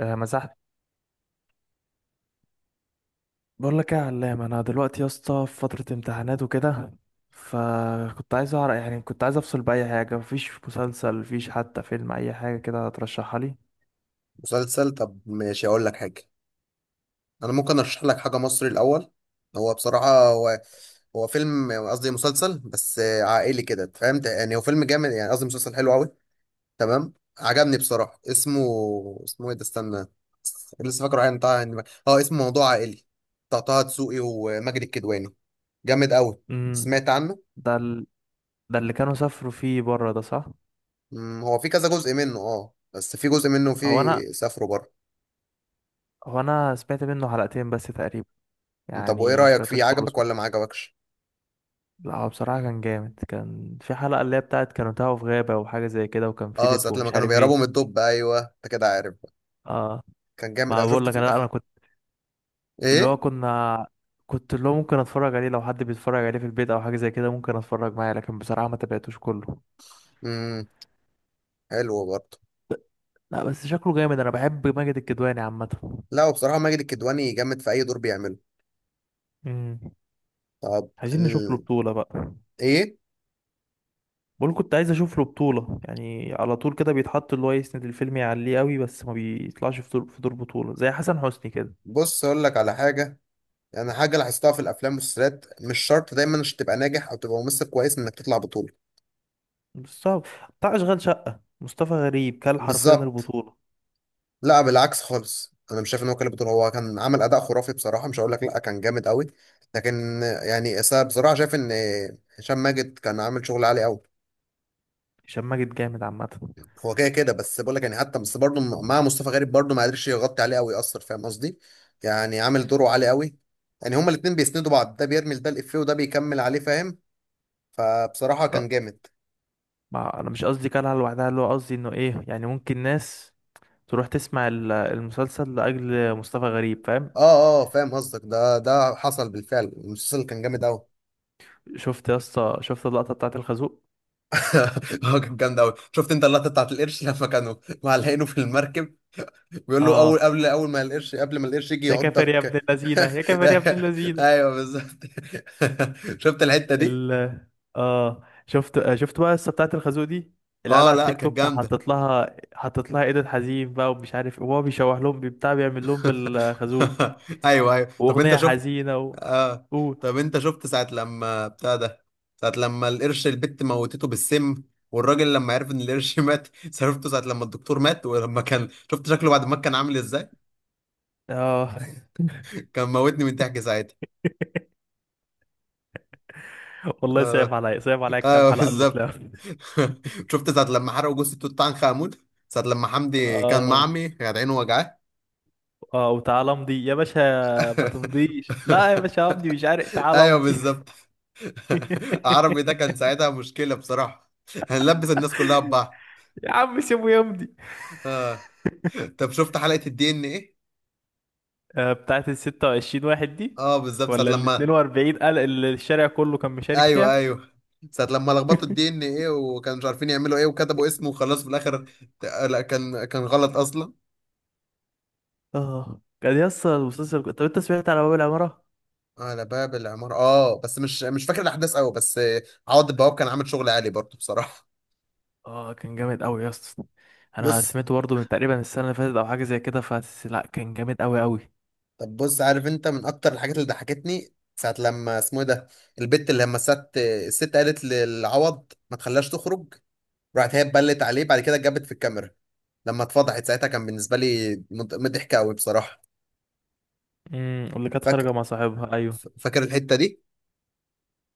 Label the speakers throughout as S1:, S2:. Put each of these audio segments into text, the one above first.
S1: آه، مسحت. بقول لك ايه يا علام، انا دلوقتي يا اسطى في فتره امتحانات وكده، فكنت عايز اعرف، يعني كنت عايز افصل باي حاجه، مفيش مسلسل مفيش حتى فيلم، اي حاجه كده ترشحها لي.
S2: مسلسل. طب، ماشي، اقول لك حاجه. انا ممكن ارشح لك حاجه مصري الاول. هو بصراحه هو فيلم قصدي مسلسل بس عائلي كده، فهمت يعني؟ هو فيلم جامد يعني قصدي مسلسل حلو قوي. تمام، عجبني بصراحه. اسمه ايه ده؟ استنى. لسه فاكره. عين طه، اه، اسمه موضوع عائلي. بتاع طه دسوقي وماجد الكدواني. جامد قوي.
S1: امم
S2: سمعت عنه.
S1: ده ال... ده اللي كانوا سافروا فيه بره ده، صح؟
S2: هو في كذا جزء منه، بس في جزء منه
S1: هو
S2: فيه
S1: انا
S2: سافروا بره.
S1: هو انا سمعت منه حلقتين بس تقريبا،
S2: طب وايه
S1: يعني ما
S2: رايك فيه؟
S1: سمعتوش كله،
S2: عجبك
S1: سمعت.
S2: ولا ما عجبكش؟
S1: لا هو بصراحه كان جامد، كان في حلقه اللي هي بتاعت كانوا تاهوا في غابه وحاجه زي كده، وكان في
S2: اه،
S1: دب
S2: ساعة لما
S1: ومش
S2: كانوا
S1: عارف
S2: بيهربوا
S1: ايه.
S2: من الدب. ايوه، انت كده عارف بقى.
S1: اه،
S2: كان جامد
S1: ما
S2: اوي،
S1: بقول
S2: شفت في
S1: لك انا
S2: الاخر.
S1: اللي هو
S2: ايه؟
S1: كنا كنت اللي هو ممكن اتفرج عليه لو حد بيتفرج عليه في البيت او حاجه زي كده، ممكن اتفرج معاه، لكن بصراحه ما تابعتوش كله.
S2: امم. حلو برضه.
S1: لا بس شكله جامد، انا بحب ماجد الكدواني عامه.
S2: لا، وبصراحة ماجد الكدواني جامد في اي دور بيعمله.
S1: امم
S2: طب
S1: عايزين نشوف له بطوله بقى.
S2: ايه؟
S1: بقول كنت عايز اشوف له بطوله، يعني على طول كده بيتحط اللي هو يسند الفيلم يعليه قوي، بس ما بيطلعش في دور بطوله زي حسن حسني كده.
S2: بص، اقول لك على حاجة. يعني حاجة لاحظتها في الافلام والمسلسلات، مش شرط دايما عشان تبقى ناجح او تبقى ممثل كويس انك تطلع بطولة.
S1: مستوى بتاع اشغال شقه، مصطفى غريب كل حرفيا
S2: بالظبط.
S1: البطوله.
S2: لا، بالعكس خالص. انا مش شايف ان هو كان بطولة، هو كان عمل اداء خرافي بصراحة. مش هقول لك لا، كان جامد قوي. لكن يعني، بصراحة شايف ان هشام ماجد كان عامل شغل عالي قوي.
S1: هشام ماجد جامد عامه.
S2: هو كده كده، بس بقول لك يعني، حتى بس برضه مع مصطفى غريب برضه ما قدرش يغطي عليه قوي، يأثر، فاهم قصدي؟ يعني عامل دوره عالي قوي. يعني هما الاتنين بيسندوا بعض، ده بيرمي ده الإفيه وده بيكمل عليه، فاهم؟ فبصراحة
S1: لا،
S2: كان جامد.
S1: ما انا مش قصدي كلها لوحدها، اللي هو قصدي انه ايه يعني، ممكن ناس تروح تسمع المسلسل لاجل مصطفى غريب، فاهم.
S2: اه، اه، فاهم قصدك. ده حصل بالفعل، المسلسل كان جامد قوي.
S1: شفت يا اسطى، شفت اللقطه بتاعت الخازوق؟
S2: هو كان جامد قوي. شفت انت اللقطة بتاعت القرش لما كانوا معلقينه في المركب؟ بيقول له اول،
S1: اه،
S2: قبل اول ما القرش، قبل ما القرش يجي
S1: يا كافر يا ابن
S2: يعضك.
S1: اللذينه، يا كافر يا ابن اللذينه.
S2: ايوه، بالظبط. شفت الحتة دي؟
S1: ال اه شفت بقى القصه بتاعت الخازوق دي، العيال
S2: اه.
S1: على
S2: لا،
S1: التيك
S2: كانت
S1: توك
S2: جامدة.
S1: حطت لها ايدن حزين بقى ومش عارف إيه، وهو بيشوح لهم بتاع، بيعمل لهم بالخازوق،
S2: ايوه، ايوه. طب انت
S1: واغنيه
S2: شفت؟
S1: حزينه
S2: اه.
S1: قول.
S2: طب انت شفت ساعة لما بتاع ده، ساعة لما القرش، البت موتته بالسم، والراجل لما عرف ان القرش مات؟ شفته ساعة لما الدكتور مات، ولما كان، شفت شكله بعد ما كان عامل ازاي؟
S1: اه.
S2: كان موتني من ضحك ساعتها.
S1: والله صعب
S2: اه،
S1: عليا، صعب عليا، كام
S2: ايوه،
S1: حلقه اللي
S2: بالظبط.
S1: طلعوا؟
S2: شفت ساعة لما حرقوا جثة توت عنخ آمون، ساعة لما حمدي كان
S1: اه.
S2: معمي كانت عينه وجعاه؟
S1: اه، وتعالى امضي يا باشا، ما تمضيش لا يا باشا امضي، مش عارف، تعالى
S2: ايوه،
S1: امضي.
S2: بالظبط. عربي ده كان ساعتها مشكلة بصراحة. هنلبس الناس كلها ببعض.
S1: يا عم سيبه يمضي.
S2: اه. طب شفت حلقة الـDNA؟
S1: بتاعت ال 26 واحد دي،
S2: اه، بالظبط، ساعة
S1: ولا ال
S2: لما،
S1: 42 قال اللي الشارع كله كان مشارك
S2: ايوه،
S1: فيها؟
S2: ايوه، ساعة لما لخبطوا الـDNA وكانوا مش عارفين يعملوا ايه، وكتبوا اسمه وخلاص في الاخر. ت- لا، كان غلط اصلا.
S1: اه، كان يا اسطى المسلسل. طب انت سمعت على باب العمارة؟
S2: على باب العمارة، بس مش فاكر الاحداث قوي، بس عوض البواب كان عامل شغل عالي برضه بصراحة.
S1: اه، كان جامد قوي يا اسطى. انا
S2: بص.
S1: سمعته برضه من تقريبا السنة اللي فاتت او حاجة زي كده، فس لا كان جامد قوي قوي.
S2: طب بص، عارف انت من اكتر الحاجات اللي ضحكتني ساعة لما، اسمه ايه ده؟ البت اللي لما الست قالت للعوض ما تخليهاش تخرج، راحت هي اتبلت عليه بعد كده، اتجابت في الكاميرا، لما اتفضحت ساعتها كان بالنسبه لي مضحك قوي بصراحه.
S1: امم، واللي كانت
S2: فاكر؟
S1: خارجة مع صاحبها، ايوه.
S2: فاكر الحته دي.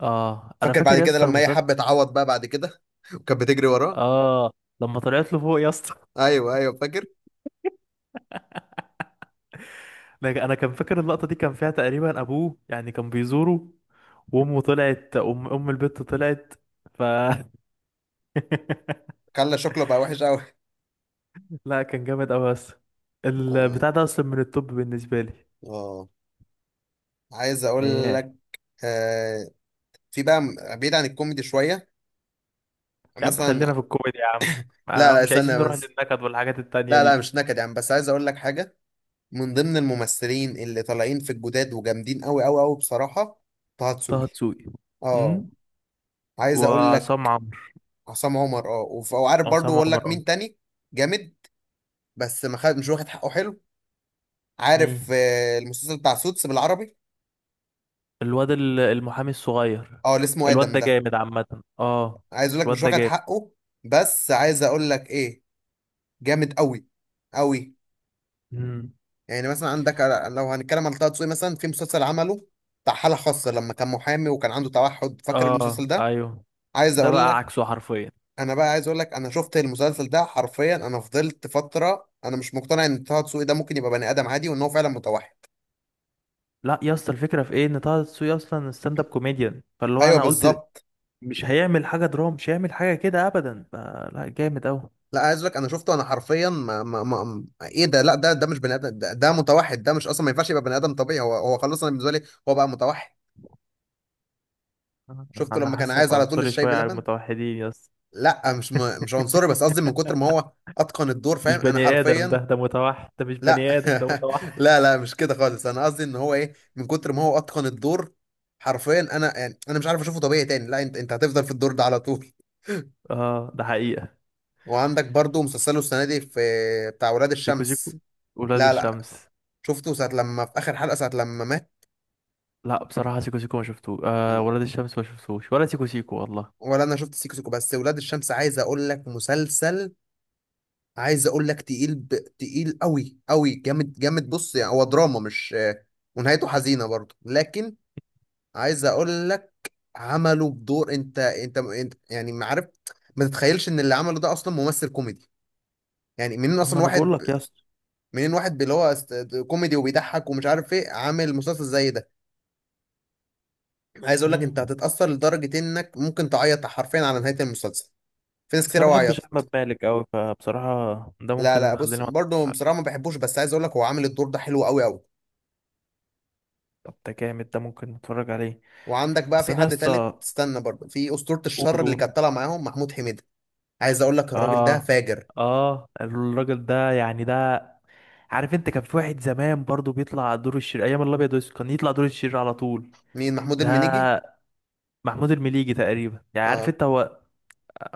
S1: اه، انا
S2: فاكر بعد
S1: فاكر يا
S2: كده
S1: اسطى
S2: لما هي
S1: المسلسل.
S2: حبت تعوض بقى بعد كده؟ وكانت بتجري وراه.
S1: اه، لما طلعت له فوق يا اسطى.
S2: ايوه، ايوه، فاكر.
S1: انا كان فاكر اللقطه دي، كان فيها تقريبا ابوه يعني كان بيزوره، وامه طلعت، ام البت طلعت، ف
S2: خلى شكله بقى وحش قوي.
S1: لا كان جامد قوي بس،
S2: اه.
S1: البتاع ده اصلا من التوب بالنسبه لي.
S2: اه، عايز اقول
S1: اياه.
S2: لك. آه في بقى بعيد عن الكوميدي شويه،
S1: يا عم
S2: مثلا.
S1: خلينا في الكوميدي يا عم،
S2: لا، لا،
S1: مش عايزين
S2: استنى
S1: نروح
S2: بس.
S1: للنكد والحاجات التانية
S2: لا، لا،
S1: دي.
S2: مش نكد يعني، بس عايز اقول لك حاجه. من ضمن الممثلين اللي طالعين في الجداد وجامدين قوي قوي قوي بصراحه: طه
S1: طه
S2: دسوقي.
S1: دسوقي.
S2: اه.
S1: امم
S2: عايز اقول
S1: وعصام
S2: لك:
S1: عمرو.
S2: عصام عمر، اه، وعارف برضو
S1: عصام
S2: اقول
S1: عمر،
S2: لك
S1: اه.
S2: مين تاني؟ جامد. بس ما خد، مش واخد حقه حلو. عارف
S1: مين؟
S2: المسلسل بتاع سوتس بالعربي؟
S1: الواد المحامي الصغير.
S2: اه، اللي اسمه
S1: الواد
S2: ادم
S1: ده
S2: ده.
S1: جامد عامة. اه،
S2: عايز اقول لك مش
S1: الواد ده
S2: واخد حقه. بس عايز اقول لك ايه، جامد قوي قوي.
S1: جامد.
S2: يعني مثلا عندك لو هنتكلم على طه دسوقي مثلا في مسلسل عمله بتاع حالة خاصة لما كان محامي وكان عنده توحد، فاكر المسلسل
S1: اه.
S2: ده؟
S1: ايوه.
S2: عايز
S1: ده
S2: اقول
S1: بقى
S2: لك،
S1: عكسه حرفيا.
S2: انا بقى عايز اقول لك، انا شفت المسلسل ده حرفيا، انا فضلت فتره انا مش مقتنع ان طه دسوقي ده ممكن يبقى بني ادم عادي وان هو فعلا متوحد.
S1: لا يا اسطى، الفكره في ايه، ان طه دسوقي اصلا ستاند اب كوميديان، فاللي هو
S2: ايوه،
S1: انا قلت
S2: بالظبط.
S1: مش هيعمل حاجه دراما، مش هيعمل حاجه كده ابدا، فلا جامد اوي.
S2: لا، عايز اقول لك، انا شفته انا حرفيا، ما ما ما ايه ده لا، ده مش بني ادم، ده ده متوحد، ده مش اصلا ما ينفعش يبقى بني ادم طبيعي، هو خلاص، انا بالنسبه لي هو بقى متوحد. شفته
S1: انا
S2: لما كان
S1: حاسك
S2: عايز على طول
S1: عنصري
S2: الشاي
S1: شويه على
S2: بلبن.
S1: المتوحدين يا اسطى.
S2: لا، مش عنصري، بس قصدي من كتر ما هو اتقن الدور،
S1: مش
S2: فاهم؟ انا
S1: بني ادم ده،
S2: حرفيا.
S1: ده متوحد، ده مش
S2: لا.
S1: بني ادم، ده متوحد.
S2: لا، لا، مش كده خالص. انا قصدي ان هو، ايه، من كتر ما هو اتقن الدور، حرفيا انا يعني، انا مش عارف اشوفه طبيعي تاني، لا انت هتفضل في الدور ده على طول.
S1: اه، ده حقيقه.
S2: وعندك برضو مسلسله السنه دي، في بتاع ولاد
S1: سيكو سيكو،
S2: الشمس.
S1: ولاد
S2: لا، لا.
S1: الشمس.
S2: شفته ساعه لما في اخر حلقه، ساعه لما مات.
S1: لا بصراحه سيكو سيكو ما شفتوش، آه ولاد الشمس ما شفتوش، ولا سيكو سيكو والله.
S2: ولا انا شفت سيكو سيكو بس، ولاد الشمس عايز اقول لك مسلسل، عايز اقول لك تقيل، تقيل قوي قوي جامد جامد. بص يعني هو دراما، مش، ونهايته حزينه برضو، لكن عايز اقول لك، عمله بدور. انت يعني ما عارف، ما تتخيلش ان اللي عمله ده اصلا ممثل كوميدي. يعني منين
S1: ما
S2: اصلا
S1: انا بقول
S2: واحد،
S1: لك يا اسطى.
S2: منين واحد اللي هو كوميدي وبيضحك ومش عارف ايه عامل مسلسل زي ده. عايز اقول لك، انت
S1: مم.
S2: هتتاثر لدرجه انك ممكن تعيط حرفيا على نهايه المسلسل. في ناس
S1: بس
S2: كتير
S1: انا
S2: قوي
S1: بحبش
S2: عيطت.
S1: احمد مالك قوي، فبصراحه ده
S2: لا،
S1: ممكن
S2: لا،
S1: اللي
S2: بص
S1: خلينا ما نتفرجش
S2: برضه
S1: عليه.
S2: بصراحه ما بحبوش، بس عايز اقول لك هو عامل الدور ده حلو قوي قوي.
S1: طب ده جامد، ده ممكن نتفرج عليه.
S2: وعندك بقى
S1: بس
S2: في
S1: انا
S2: حد تالت،
S1: لسه.
S2: استنى برضه، في اسطوره الشر
S1: قول
S2: اللي
S1: قول.
S2: كانت طالعه معاهم محمود حميده. عايز اقول لك الراجل ده
S1: اه،
S2: فاجر.
S1: اه، الراجل ده يعني ده، عارف انت كان في واحد زمان برضو بيطلع دور الشرير ايام الابيض والاسود، كان يطلع دور الشرير على طول.
S2: مين، محمود
S1: ده
S2: المنيجي؟
S1: محمود المليجي تقريبا يعني، عارف
S2: اه.
S1: انت هو.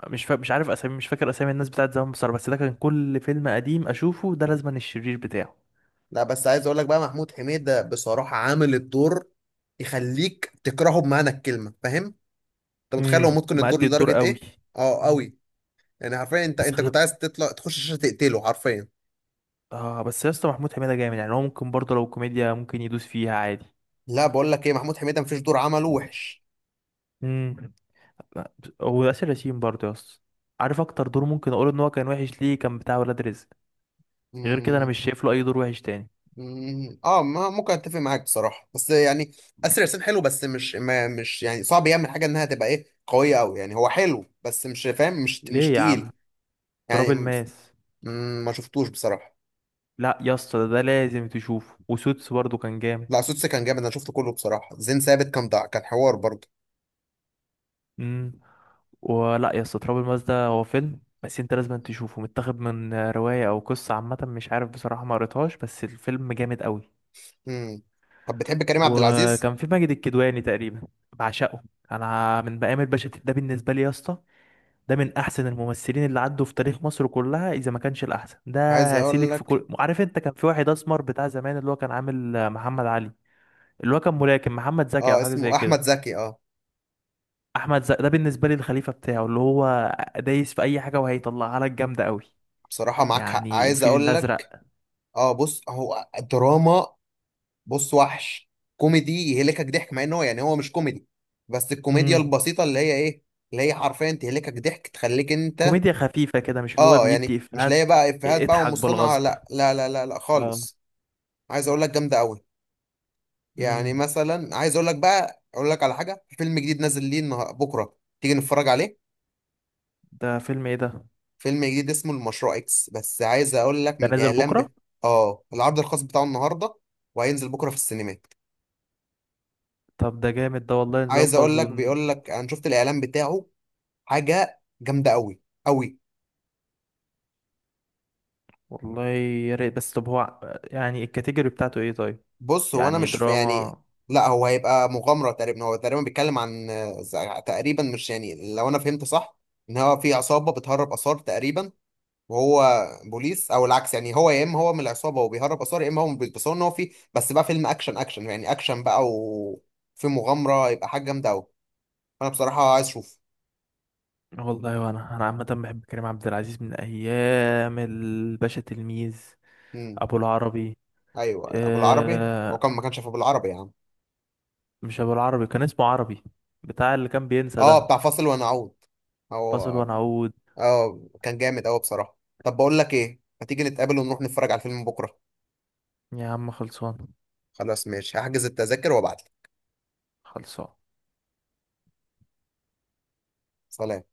S1: مش عارف اسامي، مش فاكر اسامي الناس بتاعت زمان بصراحه، بس ده كان كل فيلم قديم اشوفه ده لازما الشرير بتاعه.
S2: لا بس عايز اقول لك بقى، محمود حميدة بصراحة عامل الدور يخليك تكرهه بمعنى الكلمة، فاهم؟ انت متخيل هو
S1: امم،
S2: ممكن الدور
S1: مأدي الدور
S2: لدرجة
S1: قوي.
S2: ايه؟ اه،
S1: مم.
S2: قوي. يعني حرفيا انت
S1: بس
S2: انت
S1: خلي.
S2: كنت عايز تطلع تخش الشاشة تقتله حرفيا.
S1: اه، بس يا اسطى محمود حميدة جامد، يعني هو ممكن برضه لو كوميديا ممكن يدوس فيها عادي.
S2: لا، بقول لك ايه، محمود حميدة مفيش دور عمله وحش.
S1: امم. لا، هو ياسر ياسين برضه يا اسطى. عارف اكتر دور ممكن اقول ان هو كان وحش ليه؟ كان بتاع ولاد رزق. غير كده انا
S2: مم.
S1: مش شايف له اي دور وحش تاني.
S2: مم. اه، ما ممكن اتفق معاك بصراحة بس يعني، اسر ياسين حلو، بس مش يعني، صعب يعمل حاجة انها تبقى، ايه، قوية قوي. يعني هو حلو بس مش فاهم، مش
S1: ليه يا عم،
S2: تقيل
S1: تراب
S2: يعني.
S1: الماس.
S2: ما شفتوش بصراحة.
S1: لا يا اسطى، ده لازم تشوفه، وسوتس برضه كان جامد.
S2: لا، سوتس كان جامد، انا شفته كله بصراحه. زين ثابت كان حوار برضه.
S1: امم ولا يا اسطى تراب الماس ده هو فيلم، بس انت لازم تشوفه، متاخد من رواية او قصة عامة، مش عارف بصراحة ما قريتهاش، بس الفيلم جامد قوي.
S2: امم. طب بتحب كريم عبد العزيز؟
S1: وكان في ماجد الكدواني تقريبا. بعشقه. انا من بقام الباشا تلميذ ده بالنسبه لي يا اسطى، ده من احسن الممثلين اللي عدوا في تاريخ مصر كلها اذا ما كانش الاحسن،
S2: عايز
S1: ده
S2: اقول
S1: سيلك في
S2: لك.
S1: كل، عارف انت كان في واحد اسمر بتاع زمان اللي هو كان عامل محمد علي، اللي هو كان ملاكم، محمد زكي او
S2: اه،
S1: حاجه زي
S2: اسمه احمد
S1: كده.
S2: زكي، اه.
S1: احمد زكي ده بالنسبه لي الخليفه بتاعه، اللي هو دايس في اي حاجه وهيطلعها لك جامده قوي.
S2: بصراحه معاك حق،
S1: يعني
S2: عايز
S1: الفيل
S2: اقول لك.
S1: الازرق.
S2: اه، بص، هو دراما، بص وحش، كوميدي يهلكك ضحك مع ان هو يعني، هو مش كوميدي، بس الكوميديا
S1: امم
S2: البسيطه اللي هي، ايه، اللي هي حرفيا تهلكك ضحك، تخليك انت.
S1: كوميديا خفيفه كده، مش اللي هو
S2: اه، يعني
S1: بيدي
S2: مش
S1: افيهات،
S2: لاقي بقى افيهات بقى
S1: اضحك
S2: ومصطنعه،
S1: بالغصب.
S2: لا لا لا لا لا
S1: اه.
S2: خالص. عايز اقول لك جامده قوي. يعني
S1: امم
S2: مثلا، عايز اقول لك بقى اقول لك على حاجه، في فيلم جديد نازل ليه بكره، تيجي نتفرج عليه؟
S1: ده فيلم ايه ده؟
S2: فيلم جديد اسمه المشروع اكس، بس عايز اقول لك من
S1: ده نازل
S2: الاعلان
S1: بكرة.
S2: اه، العرض الخاص بتاعه النهارده، وهينزل بكره في السينمات.
S1: طب ده جامد ده والله،
S2: عايز اقول لك، بيقول لك انا شفت الاعلان بتاعه، حاجه جامده قوي قوي.
S1: والله يا ريت، بس طب هو يعني الكاتيجوري بتاعته ايه طيب،
S2: بص، هو انا
S1: يعني
S2: مش يعني،
S1: دراما.
S2: لا هو هيبقى مغامره تقريبا، هو تقريبا بيتكلم عن تقريبا، مش يعني، لو انا فهمت صح ان هو في عصابه بتهرب اثار تقريبا، وهو بوليس او العكس. يعني هو يا اما هو من العصابه وبيهرب اثار، يا اما هو من البوليس. بس هو ان هو في، بس بقى فيلم اكشن اكشن يعني اكشن بقى وفي مغامره، يبقى حاجه جامده قوي. انا بصراحه عايز اشوف.
S1: والله، وانا عامة بحب كريم عبد العزيز من ايام الباشا تلميذ.
S2: امم.
S1: ابو العربي.
S2: ايوه، ابو العربي. هو
S1: آه...
S2: كان ما كانش في ابو العربي يا عم؟
S1: مش ابو العربي، كان اسمه عربي، بتاع اللي كان بينسى
S2: اه،
S1: ده.
S2: بتاع فاصل ونعود.
S1: فاصل
S2: هو.
S1: ونعود.
S2: اه، كان جامد قوي بصراحه. طب بقول لك ايه، ما تيجي نتقابل ونروح نتفرج على الفيلم بكره؟
S1: يا عم خلصان.
S2: خلاص ماشي، هحجز التذاكر وابعت لك.
S1: خلصان.
S2: سلام.